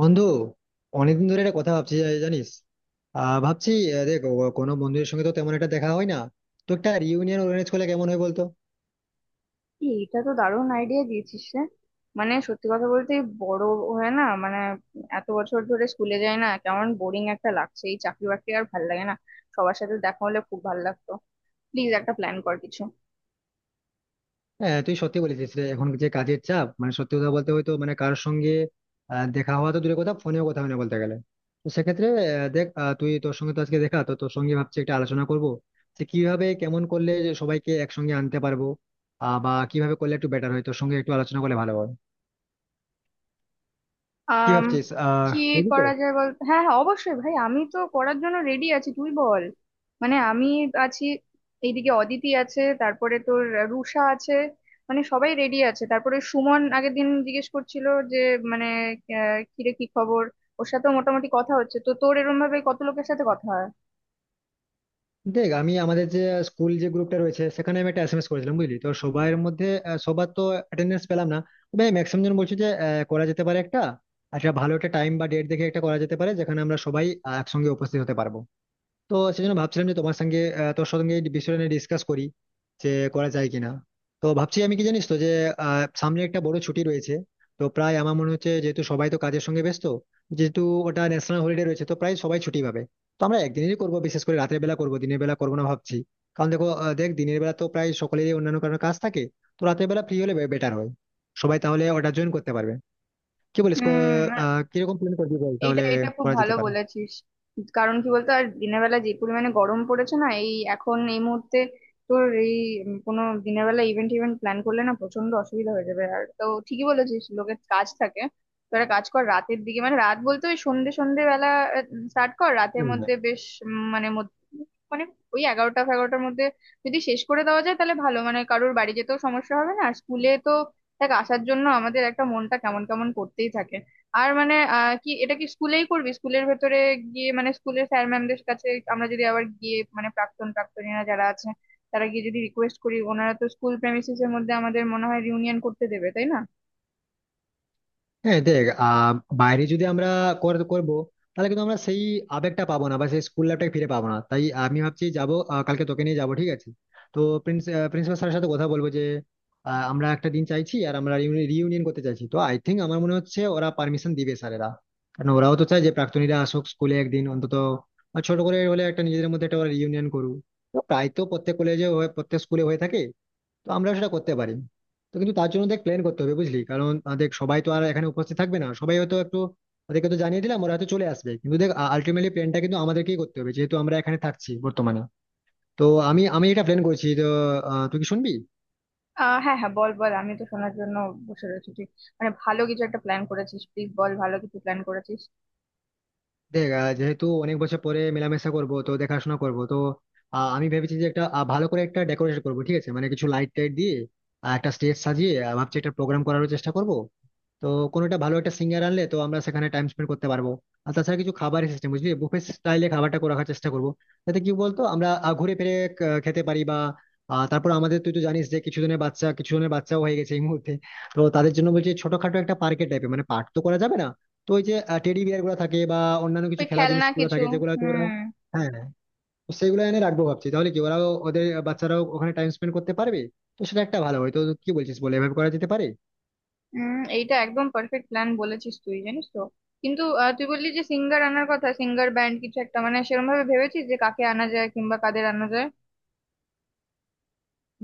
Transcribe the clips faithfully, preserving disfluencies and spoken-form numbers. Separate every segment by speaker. Speaker 1: বন্ধু, অনেকদিন ধরে একটা কথা ভাবছি, জা- জানিস। আহ ভাবছি। আহ, দেখ, ও- কোনো বন্ধুদের সঙ্গে তো তেমন একটা দেখা হয় না। তো একটা রিউনিয়ন অর্গানাইজ করলে কেমন হয় বলতো?
Speaker 2: এই, এটা তো দারুণ আইডিয়া দিয়েছিস রে। মানে সত্যি কথা বলতে এই বড় হয়ে না, মানে এত বছর ধরে স্কুলে যাই না, কেমন বোরিং একটা লাগছে, এই চাকরি বাকরি আর ভাল লাগে না। সবার সাথে দেখা হলে খুব ভাল লাগতো। প্লিজ একটা প্ল্যান কর কিছু।
Speaker 1: হ্যাঁ, তুই সত্যি বলেছিস রে। এখন যে কাজের চাপ, মানে সত্যি কথা বলতে, হয়তো মানে কারোর সঙ্গে আহ, দেখা হওয়া তো দূরের কথা, ফোনেও কথা হয় না বলতে গেলে। তো সেক্ষেত্রে আহ, দেখ, আহ, তুই, তোর সঙ্গে তো আজকে দেখা, তো তোর সঙ্গে ভাবছি একটা আলোচনা করবো, যে কিভাবে কেমন করলে যে সবাইকে একসঙ্গে আনতে পারবো। আহ বা কিভাবে করলে একটু বেটার হয়, তোর সঙ্গে একটু আলোচনা করলে ভালো হয়। কি
Speaker 2: আম
Speaker 1: ভাবছিস, আহ
Speaker 2: কি
Speaker 1: বুঝলি তো?
Speaker 2: করা যায় বল। হ্যাঁ, হ্যাঁ, অবশ্যই ভাই, আমি তো করার জন্য রেডি আছি, তুই বল। মানে আমি আছি, এইদিকে অদিতি আছে, তারপরে তোর রুষা আছে। মানে সবাই রেডি আছে। তারপরে সুমন আগের দিন জিজ্ঞেস করছিল যে, মানে আহ, কিরে কি খবর। ওর সাথেও মোটামুটি কথা হচ্ছে, তো তোর এরম ভাবে কত লোকের সাথে কথা হয়?
Speaker 1: দেখ, আমি আমাদের যে স্কুল, যে গ্রুপটা রয়েছে সেখানে আমি একটা এসএমএস করেছিলাম, বুঝলি তো, সবার মধ্যে। আহ, সবার তো অ্যাটেন্ডেন্স পেলাম না। তবে ম্যাক্সিমাম জন বলছে যে আহ, করা যেতে পারে একটা। আচ্ছা, ভালো একটা টাইম বা ডেট দেখে একটা করা যেতে পারে যেখানে আমরা সবাই আহ, একসঙ্গে উপস্থিত হতে পারবো। তো সেজন্য ভাবছিলাম যে তোমার সঙ্গে, আহ, তোর সঙ্গে এই বিষয়টা নিয়ে ডিসকাস করি, যে করা যায় কিনা। তো ভাবছি আমি, কি জানিস তো, যে আহ, সামনে একটা বড় ছুটি রয়েছে। তো প্রায় আমার মনে হচ্ছে, যেহেতু সবাই তো কাজের সঙ্গে ব্যস্ত, যেহেতু ওটা ন্যাশনাল হলিডে রয়েছে, তো প্রায় সবাই ছুটি পাবে। তো আমরা একদিনেরই করবো, বিশেষ করে রাতের বেলা করবো, দিনের বেলা করবো না ভাবছি। কারণ দেখো, আহ, দেখ, দিনের বেলা তো প্রায় সকলেরই অন্যান্য কারণে কাজ থাকে। তো রাতের বেলা ফ্রি হলে বেটার হয়, সবাই তাহলে ওটা জয়েন করতে পারবে। কি বলিস? ক-
Speaker 2: হুম।
Speaker 1: আহ কিরকম প্ল্যান করবি বল
Speaker 2: এইটা
Speaker 1: তাহলে,
Speaker 2: এটা খুব
Speaker 1: করা
Speaker 2: ভালো
Speaker 1: যেতে পারে?
Speaker 2: বলেছিস। কারণ কি বলতো, আর দিনের বেলা যে পরিমাণে গরম পড়েছে না এই এখন এই মুহূর্তে, তোর এই উম কোনো দিনের বেলা ইভেন্ট ইভেন্ট প্ল্যান করলে না প্রচন্ড অসুবিধা হয়ে যাবে। আর তো ঠিকই বলেছিস লোকের কাজ থাকে। তো একটা কাজ কর, রাতের দিকে, মানে রাত বলতে ওই সন্ধ্যে সন্ধ্যে বেলা স্টার্ট কর, রাতের মধ্যে বেশ উম, মানে মধ্য- মানে ওই এগারোটা, এগারোটার মধ্যে যদি শেষ করে দেওয়া যায় তাহলে ভালো। মানে কারোর বাড়ি যেতেও সমস্যা হবে না। আর স্কুলে তো, দেখ, আসার জন্য আমাদের একটা মনটা কেমন কেমন করতেই থাকে। আর মানে আহ, কি এটা কি স্কুলেই করবি? স্কুলের ভেতরে গিয়ে মানে স্কুলের স্যার ম্যামদের কাছে আমরা যদি আবার গিয়ে, মানে প্রাক্তন প্রাক্তনীরা যারা আছে তারা গিয়ে যদি রিকোয়েস্ট করি, ওনারা তো স্কুল প্রেমিসিস এর মধ্যে আমাদের মনে হয় রিউনিয়ন করতে দেবে, তাই না?
Speaker 1: হ্যাঁ দেখ, আহ বাইরে যদি আমরা কর- করবো, তাহলে কিন্তু আমরা সেই আবেগটা পাবো না, বা সেই স্কুল লাইফটাকে ফিরে পাবো না। তাই আমি ভাবছি যাবো, আহ, কালকে তোকে নিয়ে যাবো, ঠিক আছে? তো প্রিন্সিপাল স্যারের সাথে কথা বলবো যে আহ, আমরা একটা দিন চাইছি, আর আমরা রিউনিয়ন করতে চাইছি। তো আই থিঙ্ক, আমার মনে হচ্ছে ওরা পারমিশন দিবে, স্যারেরা। কারণ ওরাও তো চায় যে প্রাক্তনীরা আসুক স্কুলে, একদিন অন্তত। আর ছোট করে হলে একটা, নিজেদের মধ্যে একটা ওরা রিউনিয়ন করুক। তো প্রায় তো প্রত্যেক কলেজে, প্রত্যেক স্কুলে হয়ে থাকে, তো আমরাও সেটা করতে পারি। তো কিন্তু তার জন্য দেখ প্ল্যান করতে হবে, বুঝলি, কারণ আহ, দেখ, সবাই তো আর এখানে উপস্থিত থাকবে না, সবাই হয়তো একটু। ওদেরকে তো জানিয়ে দিলাম, ওরা হয়তো চলে আসবে, কিন্তু দেখ আলটিমেটলি প্ল্যানটা কিন্তু আমাদেরকেই করতে হবে, যেহেতু আমরা এখানে থাকছি বর্তমানে। তো আমি আমি এটা প্ল্যান করছি, তো আহ, তুই কি শুনবি?
Speaker 2: আহ হ্যাঁ, হ্যাঁ, বল বল, আমি তো শোনার জন্য বসে রয়েছি। তুই মানে ভালো কিছু একটা প্ল্যান করেছিস, প্লিজ বল, ভালো কিছু প্ল্যান করেছিস।
Speaker 1: দেখ, আহ, যেহেতু অনেক বছর পরে মেলামেশা করব, তো দেখাশোনা করব, তো আহ, আমি ভেবেছি যে একটা আহ, ভালো করে একটা ডেকোরেশন করব, ঠিক আছে, মানে কিছু লাইট টাইট দিয়ে, আর একটা স্টেজ সাজিয়ে আহ, ভাবছি একটা প্রোগ্রাম করার চেষ্টা করব। তো কোনোটা ভালো একটা সিঙ্গার আনলে তো আমরা সেখানে টাইম স্পেন্ড করতে পারবো। আর তাছাড়া কিছু খাবারের সিস্টেম, বুঝলি, বুফে স্টাইলে খাবারটা করে রাখার চেষ্টা করবো, যাতে কি বলতো আমরা আহ, ঘুরে ফিরে ক- খেতে পারি। বা আহ, তারপর আমাদের, তুই তো জানিস যে কিছু জনের বাচ্চা, কিছু জনের বাচ্চাও হয়ে গেছে এই মুহূর্তে। তো তাদের জন্য বলছি ছোটখাটো একটা পার্কের টাইপের, মানে পার্ক তো করা যাবে না, তো ওই যে টেডি বিয়ার গুলো থাকে, বা অন্যান্য কিছু
Speaker 2: তুই
Speaker 1: খেলা
Speaker 2: খেলনা
Speaker 1: জিনিসগুলো
Speaker 2: কিছু।
Speaker 1: থাকে, যেগুলো হয়তো ওরা।
Speaker 2: হুম।
Speaker 1: হ্যাঁ, হ্যাঁ, তো সেগুলো এনে রাখবো ভাবছি, তাহলে কি ওরাও, ওদের বাচ্চারাও ওখানে টাইম স্পেন্ড করতে পারবে। তো সেটা একটা ভালো হয়, তো কি বলছিস, বলে এভাবে করা যেতে পারে।
Speaker 2: হুম, এইটা একদম পারফেক্ট প্ল্যান বলেছিস তুই, জানিস তো। কিন্তু আহ, তুই বললি যে সিঙ্গার আনার কথা, সিঙ্গার ব্যান্ড কিছু একটা, মানে সেরকম ভাবে ভেবেছিস যে কাকে আনা যায় কিংবা কাদের আনা যায়?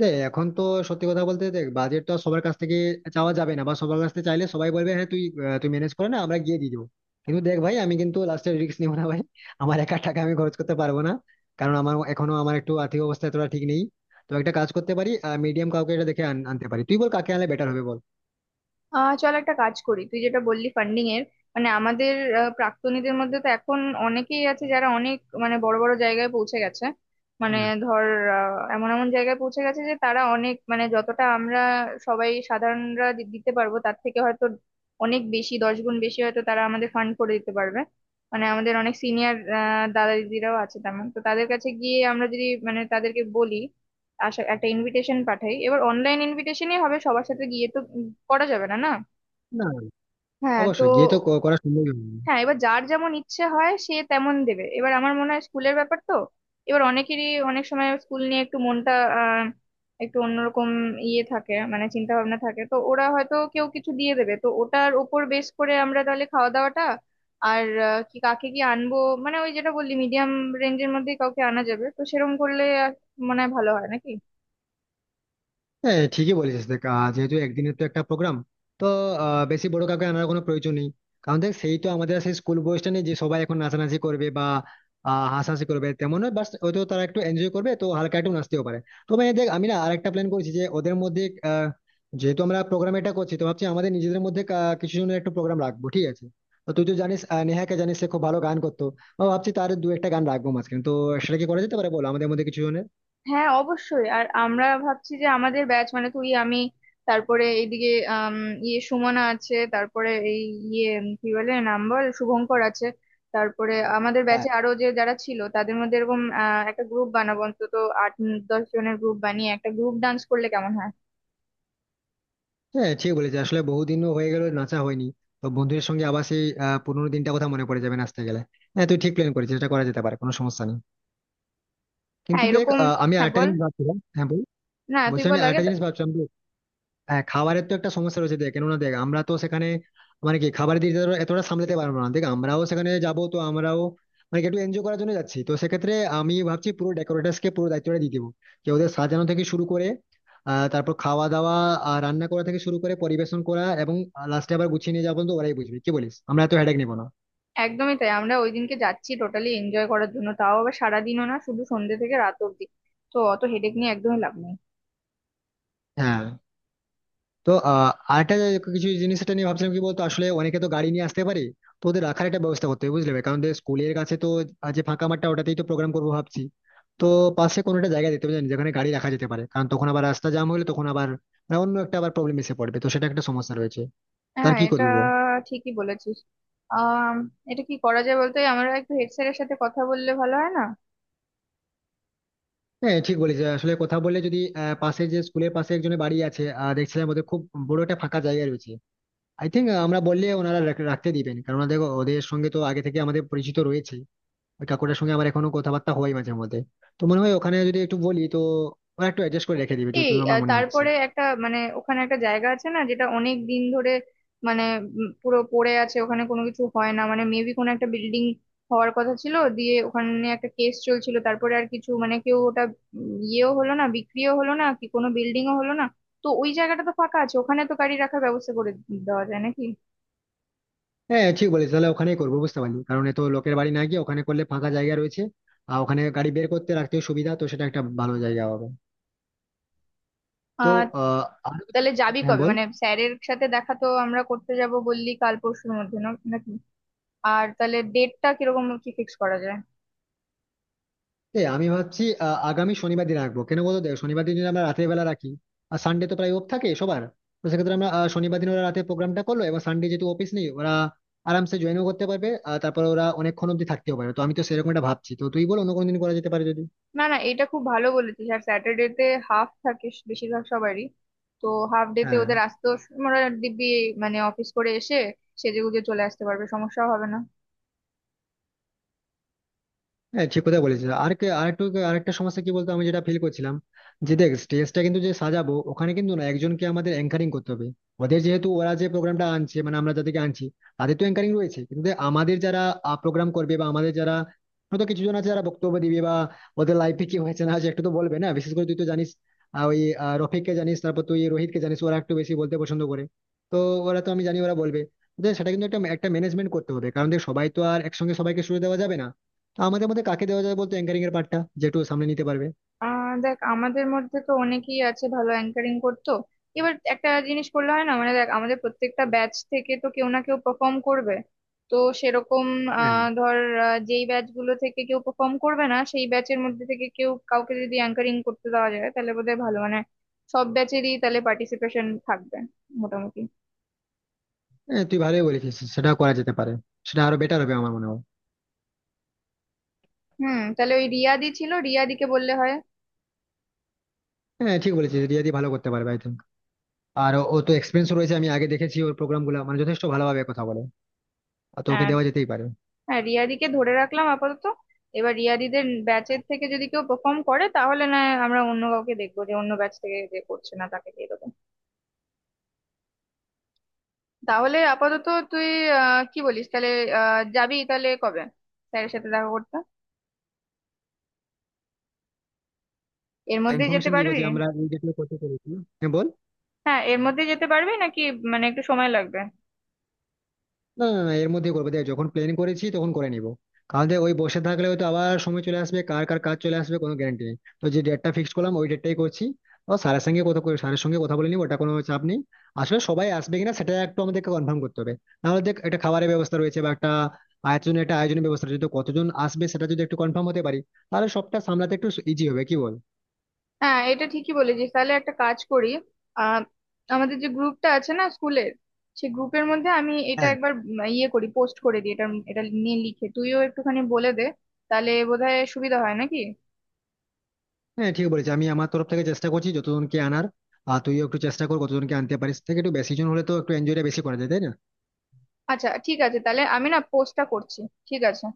Speaker 1: দেখ এখন তো সত্যি কথা বলতে, দেখ বাজেট তো আর সবার কাছ থেকে চাওয়া যাবে না, বা সবার কাছ থেকে চাইলে সবাই বলবে হ্যাঁ তুই, আহ, তুই ম্যানেজ করে না, আমরা গিয়ে দিয়ে দিবো। কিন্তু দেখ ভাই, আমি কিন্তু লাস্টে রিস্ক নিবো না ভাই। আমার একা টাকা আমি খরচ করতে পারবো না, কারণ আমার এখনো আমার একটু আর্থিক অবস্থা এতটা ঠিক নেই। তো একটা কাজ করতে পারি, মিডিয়াম কাউকে এটা দেখে আন- আনতে পারি। তুই বল কাকে আনলে বেটার হবে, বল।
Speaker 2: আহ চল একটা কাজ করি। তুই যেটা বললি ফান্ডিং এর, মানে আমাদের আহ, প্রাক্তনীদের মধ্যে তো এখন অনেকেই আছে যারা অনেক, মানে বড় বড় জায়গায় পৌঁছে গেছে। মানে
Speaker 1: না,
Speaker 2: ধর আহ, এমন এমন জায়গায় পৌঁছে গেছে যে তারা অনেক, মানে যতটা আমরা সবাই সাধারণরা দি- দিতে পারবো তার থেকে হয়তো অনেক বেশি, দশ গুণ বেশি হয়তো তারা আমাদের ফান্ড করে দিতে পারবে। মানে আমাদের অনেক সিনিয়র দাদা দিদিরাও আছে তেমন, তো তাদের কাছে গিয়ে আমরা যদি মানে তাদেরকে বলি, আশা একটা ইনভিটেশন পাঠাই। এবার অনলাইন ইনভিটেশনই হবে, সবার সাথে গিয়ে তো উম, করা যাবে না। না।
Speaker 1: না,
Speaker 2: হ্যাঁ, তো
Speaker 1: অবশ্যই গিয়ে তো ক- করা সম্ভব হবে না।
Speaker 2: হ্যাঁ, এবার যার যেমন ইচ্ছে হয় সে তেমন দেবে। এবার আমার মনে হয় স্কুলের ব্যাপার তো, এবার অনেকেরই অনেক সময় স্কুল নিয়ে একটু মনটা আহ, একটু অন্যরকম ইয়ে থাকে, মানে চিন্তা ভাবনা থাকে, তো ওরা হয়তো কেউ কিছু দিয়ে দেবে, তো ওটার ওপর বেস করে আমরা তাহলে খাওয়া দাওয়াটা। আর আহ, কি কাকে কি আনবো, মানে ওই যেটা বললি মিডিয়াম রেঞ্জের মধ্যে কাউকে আনা যাবে, তো সেরকম করলে আর মনে হয় ভালো হয় নাকি।
Speaker 1: হ্যাঁ, ঠিকই বলেছিস। দেখ, আহ, যেহেতু একদিনের তো একটা প্রোগ্রাম, তো আহ, বেশি বড় কাউকে আনার কোনো প্রয়োজন নেই। কারণ দেখ, সেই তো আমাদের আর সেই স্কুল বয়সটা নেই যে সবাই এখন নাচানাচি করবে বা আহ, হাসাহাসি করবে, তেমন নয়। বাস হয়তো তারা একটু এনজয় করবে, তো হালকা একটু নাচতেও পারে। তবে দেখ, আমি না আরেকটা প্ল্যান করেছি, যে ওদের মধ্যে আহ, যেহেতু আমরা প্রোগ্রাম এটা করছি, তো ভাবছি আমাদের নিজেদের মধ্যে কা- কিছু জনের একটু প্রোগ্রাম রাখবো, ঠিক আছে। তো তুই তো জানিস, আহ, নেহাকে জানিস, সে খুব ভালো গান করতো। বা ভাবছি তার দু একটা গান রাখবো মাঝখানে, তো সেটা কি করা যেতে পারে বল, আমাদের মধ্যে কিছু জনের।
Speaker 2: হ্যাঁ অবশ্যই। আর আমরা ভাবছি যে আমাদের ব্যাচ, মানে তুই আমি, তারপরে এইদিকে আম, ইয়ে সুমনা আছে, তারপরে এই ইয়ে উম, কি বলে নাম বল, শুভঙ্কর আছে, তারপরে আমাদের ব্যাচে আরো যে যারা ছিল তাদের মধ্যে এরকম আহ, একটা গ্রুপ বানাবো। অন্তত আট, উম, দশ জনের গ্রুপ বানিয়ে একটা গ্রুপ ডান্স করলে কেমন হয়?
Speaker 1: হ্যাঁ, ঠিক বলেছি আসলে, বহুদিনও হয়ে গেল নাচা হয়নি। তো বন্ধুদের সঙ্গে আবার সেই আহ, পুরোনো দিনটা কথা মনে পড়ে যাবে নাচতে গেলে। হ্যাঁ, তুই ঠিক প্ল্যান করেছিস, এটা করা যেতে পারে, কোনো সমস্যা নেই। কিন্তু
Speaker 2: হ্যাঁ
Speaker 1: দেখ,
Speaker 2: এরকম।
Speaker 1: আহ, আমি
Speaker 2: হ্যাঁ
Speaker 1: আরেকটা
Speaker 2: বল।
Speaker 1: জিনিস ভাবছিলাম, হ্যাঁ বল।
Speaker 2: না তুই
Speaker 1: বলছি, আমি
Speaker 2: বল আগে
Speaker 1: আরেকটা
Speaker 2: তা-
Speaker 1: জিনিস ভাবছিলাম। হ্যাঁ, খাবারের তো একটা সমস্যা রয়েছে দেখ, কেননা দেখ আমরা তো সেখানে মানে কি খাবারের দিকটা তো এতটা সামলাতে পারবো না। দেখ আমরাও সেখানে যাব, তো আমরাও মানে কি একটু এনজয় করার জন্য যাচ্ছি। তো সেক্ষেত্রে আমি ভাবছি পুরো ডেকোরেটার্স কে পুরো দায়িত্বটা দিয়ে দেবো, যে ওদের সাজানো থেকে শুরু করে আহ তারপর খাওয়া দাওয়া, আর রান্না করা থেকে শুরু করে পরিবেশন করা, এবং লাস্টে আবার গুছিয়ে নিয়ে যাবো। তো ওরাই বুঝবে, কি বলিস, আমরা তো হেডেক নেবো না।
Speaker 2: একদমই তাই। আমরা ওই দিনকে যাচ্ছি টোটালি এনজয় করার জন্য, তাও আবার সারাদিনও না, শুধু সন্ধ্যে থেকে রাত অব্দি, তো অত হেডেক নিয়ে একদমই লাভ নেই।
Speaker 1: হ্যাঁ, তো আহ আরেকটা যে কিছু জিনিস এটা নিয়ে ভাবছিলাম, কি বলতো, আসলে অনেকে তো গাড়ি নিয়ে আসতে পারে। তো ওদের রাখার একটা ব্যবস্থা করতে হবে, বুঝলে ভাই? কারণ ওদের স্কুলের কাছে তো আহ, যে ফাঁকা মাঠটা, ওটাতেই তো প্রোগ্রাম করবো ভাবছি। তো পাশে কোনো একটা জায়গা দিতে হবে জানি, যেখানে গাড়ি রাখা যেতে পারে, কারণ তখন আবার রাস্তা জ্যাম হলে তখন আবার মানে অন্য একটা আবার প্রবলেম এসে পড়বে। তো সেটা একটা সমস্যা রয়েছে, তার
Speaker 2: হ্যাঁ,
Speaker 1: কি
Speaker 2: এটা
Speaker 1: করবি বল।
Speaker 2: ঠিকই বলেছিস। আহ এটা কি করা যায় বলতে, আমরা একটু হেড স্যারের সাথে কথা বললে ভালো হয় না?
Speaker 1: হ্যাঁ, ঠিক বলেছি আসলে, কথা বললে যদি আহ, পাশে যে স্কুলের পাশে একজনের বাড়ি আছে, আহ, দেখছিলাম ওদের খুব বড় একটা ফাঁকা জায়গা রয়েছে। আই থিঙ্ক আমরা বললে ওনারা রাখ- রাখতে দিবেন, কারণ দেখো ওদের সঙ্গে তো আগে থেকে আমাদের পরিচিত রয়েছে। ওই কাকুটার সঙ্গে আমার এখনো কথাবার্তা হয় মাঝে মধ্যে। তো মনে হয় ওখানে যদি একটু বলি, তো ওরা একটু অ্যাডজাস্ট করে রেখে দিবে,
Speaker 2: এই
Speaker 1: যতদূর আমার
Speaker 2: আহ,
Speaker 1: মনে হচ্ছে।
Speaker 2: তারপরে একটা মানে ওখানে একটা জায়গা আছে না, যেটা অনেক দিন ধরে মানে উম, পুরো পড়ে আছে, ওখানে কোনো কিছু হয় না, মানে মেবি কোনো একটা বিল্ডিং হওয়ার কথা ছিল, দিয়ে ওখানে একটা কেস চলছিল, তারপরে আর কিছু মানে কেউ ওটা উম, ইয়েও হলো না, বিক্রিও হলো না, কি কোনো বিল্ডিংও হলো না। তো ওই জায়গাটা তো ফাঁকা আছে, ওখানে তো গাড়ি রাখার ব্যবস্থা করে দেওয়া যায় নাকি।
Speaker 1: হ্যাঁ, ঠিক বলিস, তাহলে ওখানেই করবো, বুঝতে পারলি, কারণ এত লোকের বাড়ি না গিয়ে ওখানে করলে ফাঁকা জায়গা রয়েছে। আর ওখানে গাড়ি বের করতে রাখতে সুবিধা, তো সেটা একটা ভালো জায়গা হবে। তো
Speaker 2: আহ
Speaker 1: আহ আর-
Speaker 2: তাহলে যাবি
Speaker 1: হ্যাঁ
Speaker 2: কবে,
Speaker 1: বল।
Speaker 2: মানে স্যারের সাথে দেখা তো আমরা করতে যাব, বললি কাল পরশুর মধ্যে না নাকি? আর তাহলে ডেটটা কিরকম কি ফিক্স করা যায়?
Speaker 1: এই আমি ভাবছি আহ, আগামী শনিবার দিন রাখবো, কেন বলতো। দেখ শনিবার দিন যদি আমরা রাতের বেলা রাখি, আর সানডে তো প্রায় অফ থাকে সবার। তো সেক্ষেত্রে আমরা আহ, শনিবার দিন ওরা রাতে প্রোগ্রামটা করলো, এবং সানডে যেহেতু অফিস নেই, ওরা আরামসে জয়েনও করতে পারবে। আর তারপর ওরা অনেকক্ষণ অব্দি থাকতেও পারে। তো আমি তো সেরকম একটা ভাবছি, তো তুই বল অন্য কোনো দিন করা যেতে পারে যদি।
Speaker 2: না না, এটা খুব ভালো বলেছিস। আর স্যাটারডে তে হাফ থাকে স- বেশিরভাগ সবারই, তো হাফ ডে তে
Speaker 1: হ্যাঁ,
Speaker 2: ওদের আসতেও স- ওরা দিব্যি মানে অফিস করে এসে সেজেগুজে চলে আসতে পারবে, সমস্যা হবে না।
Speaker 1: হ্যাঁ, ঠিক কথা বলেছিস। আর কে- আরেকটু, আরেকটা সমস্যা কি বলতো আমি যেটা ফিল করছিলাম, যে দেখ স্টেজটা কিন্তু যে সাজাবো ওখানে, কিন্তু না একজনকে আমাদের অ্যাঙ্কারিং করতে হবে। ওদের যেহেতু ওরা যে প্রোগ্রামটা আনছে, মানে আমরা যাদেরকে আনছি, তাদের তো অ্যাঙ্কারিং রয়েছে, কিন্তু দেখ, আমাদের যারা প্রোগ্রাম করবে, বা আমাদের যারা হয়তো কিছু জন আছে যারা বক্তব্য দিবে, বা ওদের লাইফে কি হয়েছে না হয়েছে একটু তো বলবে না, বিশেষ করে তুই তো জানিস আহ, ওই আহ, রফিককে জানিস, তারপর তুই রোহিতকে জানিস, ওরা একটু বেশি বলতে পছন্দ করে। তো ওরা তো, আমি জানি ওরা বলবে। দেখ, সেটা কিন্তু একটা একটা ম্যানেজমেন্ট করতে হবে, কারণ দেখ সবাই তো আর একসঙ্গে সবাইকে সুযোগ দেওয়া যাবে না। তো আমাদের মধ্যে কাকে দেওয়া যায় বলতো, অ্যাঙ্কারিং এর পার্টটা যেটু সামনে নিতে পারবে।
Speaker 2: আহ দেখ আমাদের মধ্যে তো অনেকেই আছে ভালো অ্যাঙ্কারিং করতো। এবার একটা জিনিস করলে হয় না, মানে দেখ আমাদের প্রত্যেকটা ব্যাচ থেকে তো কেউ না কেউ পারফর্ম করবে, তো সেরকম
Speaker 1: হ্যাঁ,
Speaker 2: আহ ধর আহ, যেই ব্যাচ গুলো থেকে কেউ পারফর্ম করবে না সেই ব্যাচের মধ্যে থেকে কেউ কাউকে যদি অ্যাঙ্কারিং করতে দেওয়া যায় তাহলে বোধহয় ভালো, মানে সব ব্যাচেরই তাহলে পার্টিসিপেশন থাকবে মোটামুটি।
Speaker 1: হ্যাঁ, তুই ভালোই বলেছিস, সেটা করা যেতে পারে। সেটা আরো বেটার হবে আমার মনে হয়।
Speaker 2: হুম, তাহলে ওই রিয়াদি ছিল, রিয়াদিকে বললে হয়।
Speaker 1: হ্যাঁ, ঠিক বলেছিস, রিয়াদি ভালো করতে পারবে আই থিঙ্ক। আর ও ও তো এক্সপিরিয়েন্স রয়েছে, আমি আগে দেখেছি ওর প্রোগ্রাম গুলো, মানে যথেষ্ট ভালোভাবে কথা বলে। আর তো ওকে
Speaker 2: হ্যাঁ।
Speaker 1: দেওয়া যেতেই পারে।
Speaker 2: হ্যাঁ, রিয়াদিকে ধরে রাখলাম আপাতত। এবার রিয়াদিদের ব্যাচের থেকে যদি কেউ পারফর্ম করে তাহলে না হয় আমরা অন্য কাউকে দেখবো, যে অন্য ব্যাচ থেকে যে করছে না তাকে দিয়ে দেবো। তাহলে আপাতত তুই আহ কি বলিস তাহলে, আহ যাবি তাহলে কবে স্যারের সাথে দেখা করতে? এর মধ্যেই যেতে
Speaker 1: ইনফরমেশন দিব
Speaker 2: পারবি?
Speaker 1: যে আমরা এই ডেটে করতে চলেছি। হ্যাঁ বল।
Speaker 2: হ্যাঁ এর মধ্যেই যেতে পারবি নাকি, মানে একটু সময় লাগবে?
Speaker 1: না, না, না, এর মধ্যে করবো, দেখ যখন প্ল্যান করেছি তখন করে নিবো। কারণ দেখ ওই বসে থাকলে হয়তো আবার সময় চলে আসবে, কার কার কাজ চলে আসবে কোনো গ্যারান্টি নেই। তো যে ডেটটা ফিক্স করলাম, ওই ডেটটাই করছি। ও স্যারের সঙ্গে কথা করে- স্যারের সঙ্গে কথা বলে নিবো, ওটা কোনো চাপ নেই। আসলে সবাই আসবে কিনা সেটা একটু আমাদেরকে কনফার্ম করতে হবে, নাহলে দেখ একটা খাবারের ব্যবস্থা রয়েছে, বা একটা আয়োজনের একটা আয়োজনের ব্যবস্থা রয়েছে, তো কতজন আসবে সেটা যদি একটু কনফার্ম হতে পারি, তাহলে সবটা সামলাতে একটু ইজি হবে, কি বল?
Speaker 2: হ্যাঁ এটা ঠিকই বলেছিস, তাহলে একটা কাজ করি। আহ আমাদের যে গ্রুপটা আছে না স্কুলের, সেই গ্রুপের মধ্যে আমি এটা
Speaker 1: হ্যাঁ,
Speaker 2: একবার উম ইয়ে করি, পোস্ট করে দিই এটা। এটা নিয়ে লিখে তুইও একটুখানি বলে দে, তাহলে বোধহয় সুবিধা হয় নাকি।
Speaker 1: হ্যাঁ, ঠিক বলেছি। আমি আমার তরফ থেকে চেষ্টা করছি যতজনকে আনার, আর তুইও একটু চেষ্টা কর কতজনকে আনতে পারিস, থেকে একটু বেশি জন হলে তো একটু এনজয়টা বেশি করা যায় তাই না।
Speaker 2: আচ্ছা, ঠিক আছে তাহলে, আমি না পোস্টটা করছি। ঠিক আছে।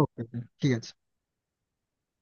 Speaker 1: ওকে, ঠিক আছে।